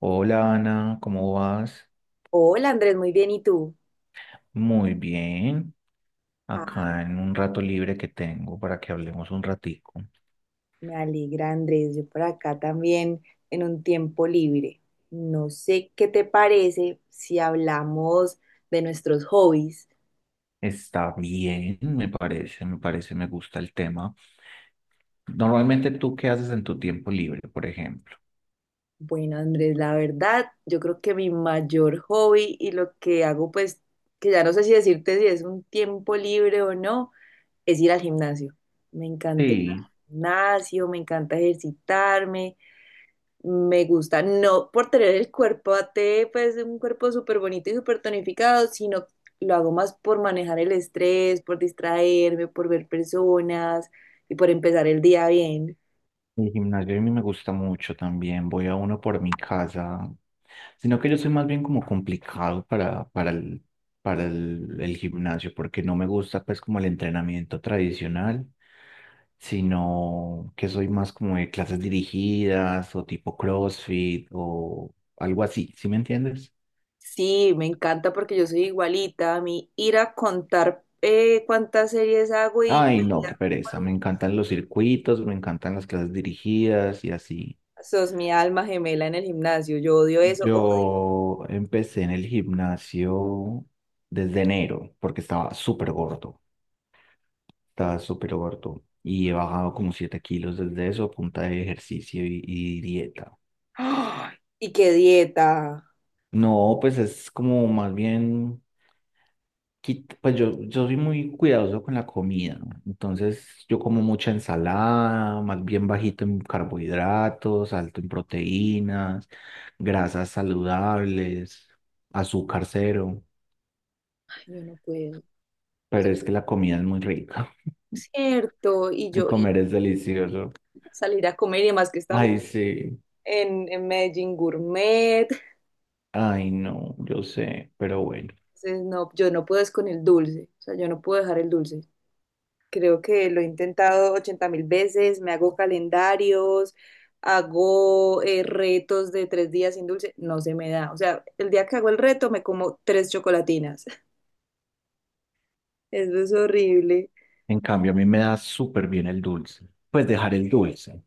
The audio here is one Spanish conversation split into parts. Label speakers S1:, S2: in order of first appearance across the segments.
S1: Hola Ana, ¿cómo vas?
S2: Hola Andrés, muy bien. ¿Y tú?
S1: Muy bien.
S2: Ah,
S1: Acá en un rato libre que tengo para que hablemos un ratico.
S2: me alegra Andrés, yo por acá también en un tiempo libre. No sé qué te parece si hablamos de nuestros hobbies.
S1: Está bien, me parece, me gusta el tema. Normalmente, ¿tú qué haces en tu tiempo libre, por ejemplo?
S2: Bueno Andrés, la verdad, yo creo que mi mayor hobby y lo que hago pues, que ya no sé si decirte si es un tiempo libre o no, es ir al gimnasio. Me encanta
S1: Sí.
S2: el gimnasio, me encanta ejercitarme. Me gusta, no por tener el cuerpo a T, pues un cuerpo súper bonito y súper tonificado, sino lo hago más por manejar el estrés, por distraerme, por ver personas y por empezar el día bien.
S1: El gimnasio a mí me gusta mucho también, voy a uno por mi casa, sino que yo soy más bien como complicado para el gimnasio, porque no me gusta pues como el entrenamiento tradicional, sino que soy más como de clases dirigidas o tipo CrossFit o algo así, ¿sí me entiendes?
S2: Sí, me encanta porque yo soy igualita. A mí ir a contar cuántas series hago y
S1: Ay, no, qué
S2: por
S1: pereza, me
S2: una,
S1: encantan los circuitos, me encantan las clases dirigidas y así.
S2: sos mi alma gemela en el gimnasio. Yo odio eso.
S1: Yo empecé en el gimnasio desde enero porque estaba súper gordo, y he bajado como 7 kilos desde eso a punta de ejercicio y dieta.
S2: ¡Ay! Y qué dieta.
S1: No, pues es como más bien, pues yo soy muy cuidadoso con la comida, ¿no? Entonces yo como mucha ensalada, más bien bajito en carbohidratos, alto en proteínas, grasas saludables, azúcar cero.
S2: Ay, yo no puedo. O sea,
S1: Pero es que la comida es muy rica.
S2: es cierto. Y
S1: El
S2: yo y
S1: comer es delicioso.
S2: salir a comer y demás que estamos
S1: Ay, sí.
S2: en Medellín Gourmet.
S1: Ay, no, yo sé, pero bueno.
S2: Entonces, no, yo no puedo es con el dulce, o sea, yo no puedo dejar el dulce. Creo que lo he intentado 80 mil veces, me hago calendarios, hago retos de 3 días sin dulce, no se me da. O sea, el día que hago el reto me como tres chocolatinas. Eso es horrible.
S1: En cambio, a mí me da súper bien el dulce. Pues dejar el dulce.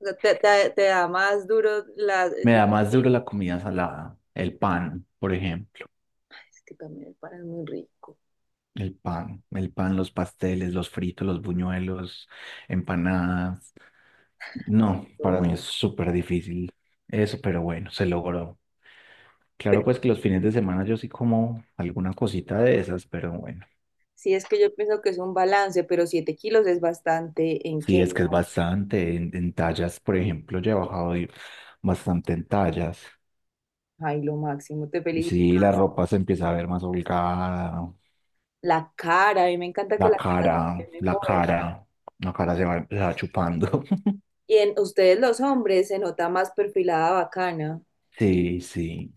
S2: O sea, te da más duro las...
S1: Me
S2: Ay,
S1: da más duro la comida salada, el pan, por ejemplo.
S2: es que también el pan es muy rico.
S1: El pan, los pasteles, los fritos, los buñuelos, empanadas. No,
S2: Pero
S1: para mí es súper difícil eso, pero bueno, se logró. Claro, pues que los fines de semana yo sí como alguna cosita de esas, pero bueno,
S2: sí es que yo pienso que es un balance, pero 7 kilos es bastante en
S1: sí
S2: qué.
S1: es que es bastante. En tallas, por ejemplo, yo he bajado bastante en tallas.
S2: Ay, lo máximo, te felicito.
S1: Sí, la ropa se empieza a ver más holgada,
S2: La cara, a mí me encanta que
S1: la
S2: la cara
S1: cara,
S2: se ve
S1: la
S2: mejor.
S1: cara, la cara, se va chupando.
S2: Y en ustedes los hombres se nota más perfilada bacana.
S1: Sí, sí.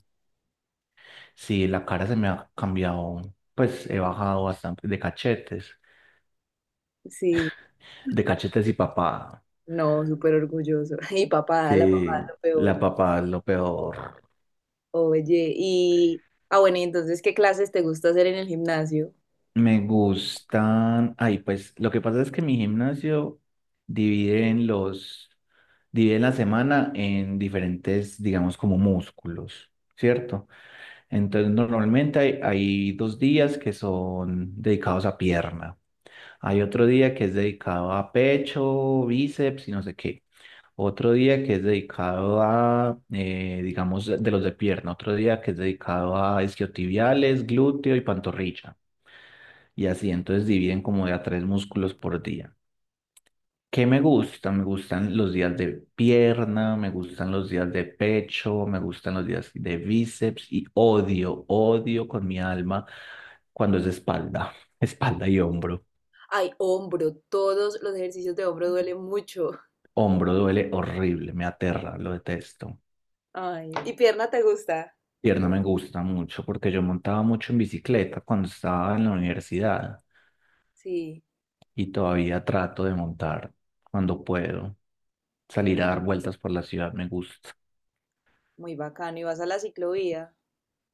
S1: Sí, la cara se me ha cambiado, pues he bajado bastante de cachetes,
S2: Sí,
S1: de cachetes y papada.
S2: no, súper orgulloso. Y papada, la papada
S1: Sí,
S2: es lo peor.
S1: la papada es lo peor.
S2: Oye, y... Ah, bueno, y entonces, ¿qué clases te gusta hacer en el gimnasio?
S1: Me gustan, ay, pues lo que pasa es que mi gimnasio divide en los, divide la semana en diferentes, digamos, como músculos, ¿cierto? Entonces normalmente hay 2 días que son dedicados a pierna, hay otro día que es dedicado a pecho, bíceps y no sé qué. Otro día que es dedicado a, digamos, de los de pierna. Otro día que es dedicado a isquiotibiales, glúteo y pantorrilla. Y así, entonces dividen como de a tres músculos por día. ¿Qué me gusta? Me gustan los días de pierna, me gustan los días de pecho, me gustan los días de bíceps y odio, odio con mi alma cuando es espalda, espalda y hombro.
S2: Ay, hombro, todos los ejercicios de hombro duelen mucho.
S1: Hombro duele horrible, me aterra, lo detesto.
S2: Ay, ¿y pierna te gusta?
S1: Pierna me gusta mucho porque yo montaba mucho en bicicleta cuando estaba en la universidad
S2: Sí,
S1: y todavía trato de montar cuando puedo. Salir a dar vueltas por la ciudad me gusta.
S2: muy bacano. Y vas a la ciclovía,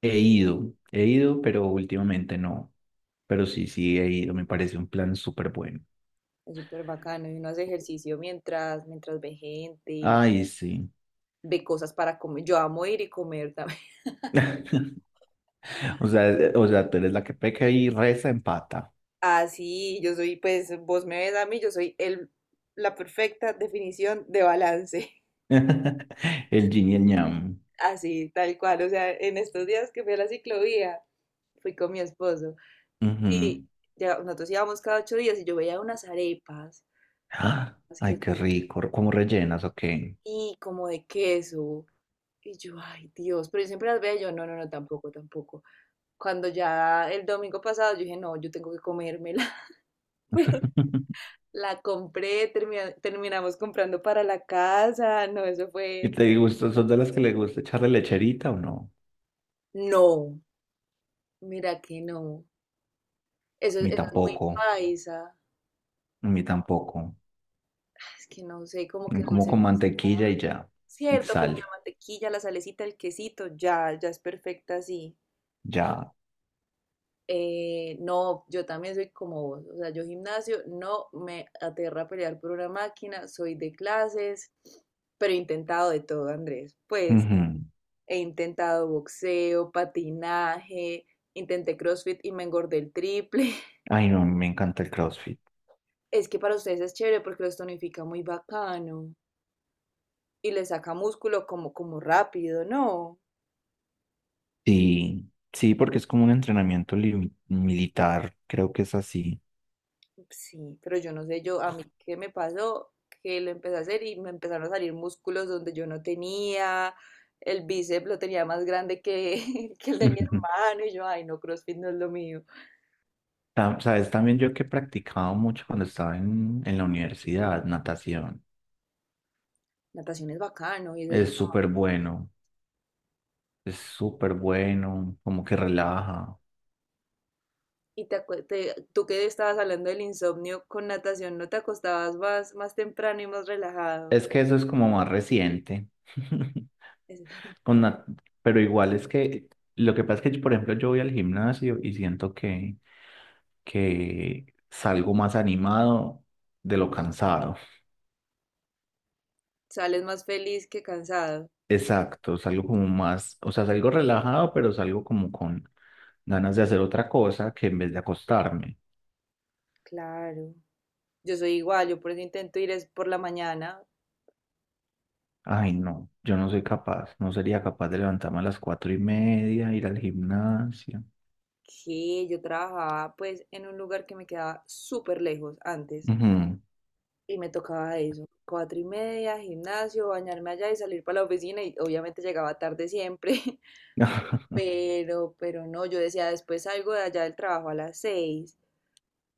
S1: He ido, pero últimamente no. Pero sí, sí, he ido, me parece un plan súper bueno.
S2: es súper bacano. Y uno hace ejercicio mientras ve gente.
S1: Ay, sí.
S2: Ve cosas para comer. Yo amo ir y comer también.
S1: O sea, tú eres la que peca y reza empata.
S2: Así, yo soy, pues vos me ves a mí, yo soy el, la perfecta definición de balance.
S1: El yin y el yang.
S2: Así, tal cual. O sea, en estos días que fui a la ciclovía, fui con mi esposo
S1: Ujú.
S2: y ya, nosotros íbamos cada 8 días y yo veía unas arepas como
S1: Ah,
S2: unas que
S1: ay, qué
S2: son
S1: rico. ¿Cómo rellenas o qué?
S2: y como de queso. Y yo, ay Dios, pero yo siempre las veo, yo no, no, no, tampoco, tampoco. Cuando ya el domingo pasado yo dije, no, yo tengo que comérmela. La compré, terminamos comprando para la casa. No, eso
S1: ¿Y
S2: fue.
S1: te gusta, sos de las que le gusta echarle lecherita o no?
S2: No, mira que no. Eso,
S1: A
S2: eso
S1: mí
S2: es muy
S1: tampoco,
S2: paisa.
S1: a mí tampoco.
S2: Es que no sé, como que
S1: Como
S2: dulce
S1: con
S2: con
S1: mantequilla y ya, y
S2: cierto, como
S1: sal,
S2: la mantequilla, la salecita, el quesito, ya, ya es perfecta así.
S1: ya.
S2: No, yo también soy como vos. O sea, yo gimnasio no me aterra pelear por una máquina, soy de clases, pero he intentado de todo, Andrés. Pues.
S1: Ujú.
S2: He intentado boxeo, patinaje, intenté CrossFit y me engordé el triple.
S1: Ay, no, me encanta el CrossFit.
S2: Es que para ustedes es chévere porque los tonifica muy bacano y les saca músculo como rápido, ¿no?
S1: Sí, sí, porque es como un entrenamiento militar, creo que es así.
S2: Sí, pero yo no sé, yo a mí qué me pasó, que lo empecé a hacer y me empezaron a salir músculos donde yo no tenía, el bíceps lo tenía más grande que, que el de mi
S1: Ujú.
S2: hermano y yo, ay no, CrossFit no es lo mío.
S1: Sabes, también yo que he practicado mucho cuando estaba en la universidad, natación.
S2: Natación es bacano y es.
S1: Es súper bueno, es súper bueno, como que relaja.
S2: Tú que estabas hablando del insomnio, con natación no te acostabas más temprano y más relajado.
S1: Es que eso es como más reciente.
S2: Es-
S1: Con na- pero igual es que lo que pasa es que, por ejemplo, yo voy al gimnasio y siento que, salgo más animado de lo cansado.
S2: Sales más feliz que cansado.
S1: Exacto, salgo como más, o sea, salgo relajado, pero salgo como con ganas de hacer otra cosa que en vez de acostarme.
S2: Claro. Yo soy igual, yo por eso intento ir es por la mañana,
S1: Ay, no, yo no soy capaz, no sería capaz de levantarme a las 4:30, ir al gimnasio.
S2: que yo trabajaba pues en un lugar que me quedaba súper lejos antes
S1: Ujú.
S2: y me tocaba eso. 4:30, gimnasio, bañarme allá y salir para la oficina y obviamente llegaba tarde siempre, pero no, yo decía después salgo de allá del trabajo a las 6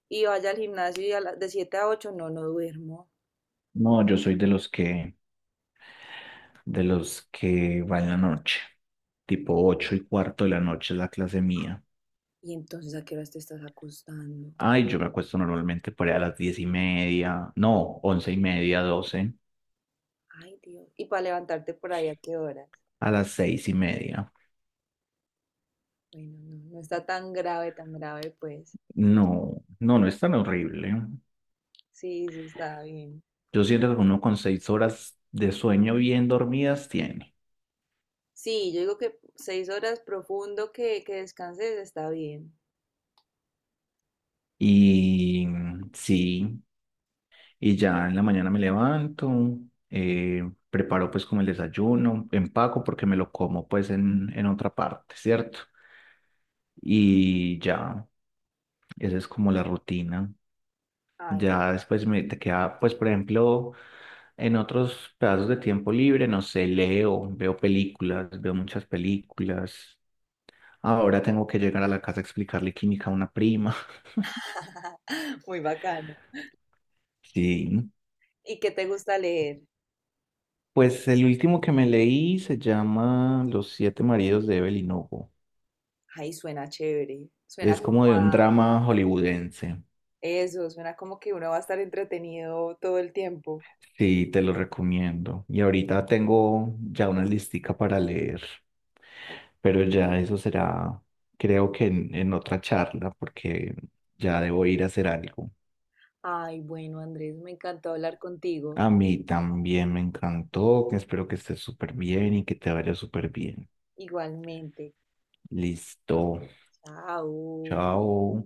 S2: y vaya al gimnasio y de 7 a 8 no, no duermo.
S1: No, yo soy de los que va en la noche, tipo 8:15 de la noche es la clase mía.
S2: Y entonces, ¿a qué horas te estás acostando?
S1: Ay, yo me acuesto normalmente por ahí a las 10:30, no, 11:30, doce
S2: Ay, Dios. Y para levantarte por ahí, ¿a qué horas?
S1: a las 6:30.
S2: Bueno, no, no está tan grave, pues.
S1: No, no, no es tan horrible.
S2: Sí, sí, está bien.
S1: Yo siento que uno con 6 horas de sueño bien dormidas tiene.
S2: Sí, yo digo que 6 horas profundo que descanses está bien.
S1: Y sí, y ya en la mañana me levanto, preparo pues como el desayuno, empaco porque me lo como pues en otra parte, ¿cierto? Y ya, esa es como la rutina.
S2: Ay,
S1: Ya después me te queda, pues por ejemplo, en otros pedazos de tiempo libre, no sé, leo, veo películas, veo muchas películas. Ahora tengo que llegar a la casa a explicarle química a una prima.
S2: muy bacano.
S1: Sí.
S2: ¿Y qué te gusta leer?
S1: Pues el último que me leí se llama Los siete maridos de Evelyn Hugo.
S2: Ay, suena chévere. Suena
S1: Es
S2: como
S1: como de un drama hollywoodense.
S2: eso, suena como que uno va a estar entretenido todo el tiempo.
S1: Sí, te lo recomiendo. Y ahorita tengo ya una listica para leer, pero ya eso será, creo que en otra charla, porque ya debo ir a hacer algo.
S2: Ay, bueno, Andrés, me encantó hablar contigo.
S1: A mí también me encantó, que espero que estés súper bien y que te vaya súper bien.
S2: Igualmente.
S1: Listo.
S2: Chao.
S1: Chao.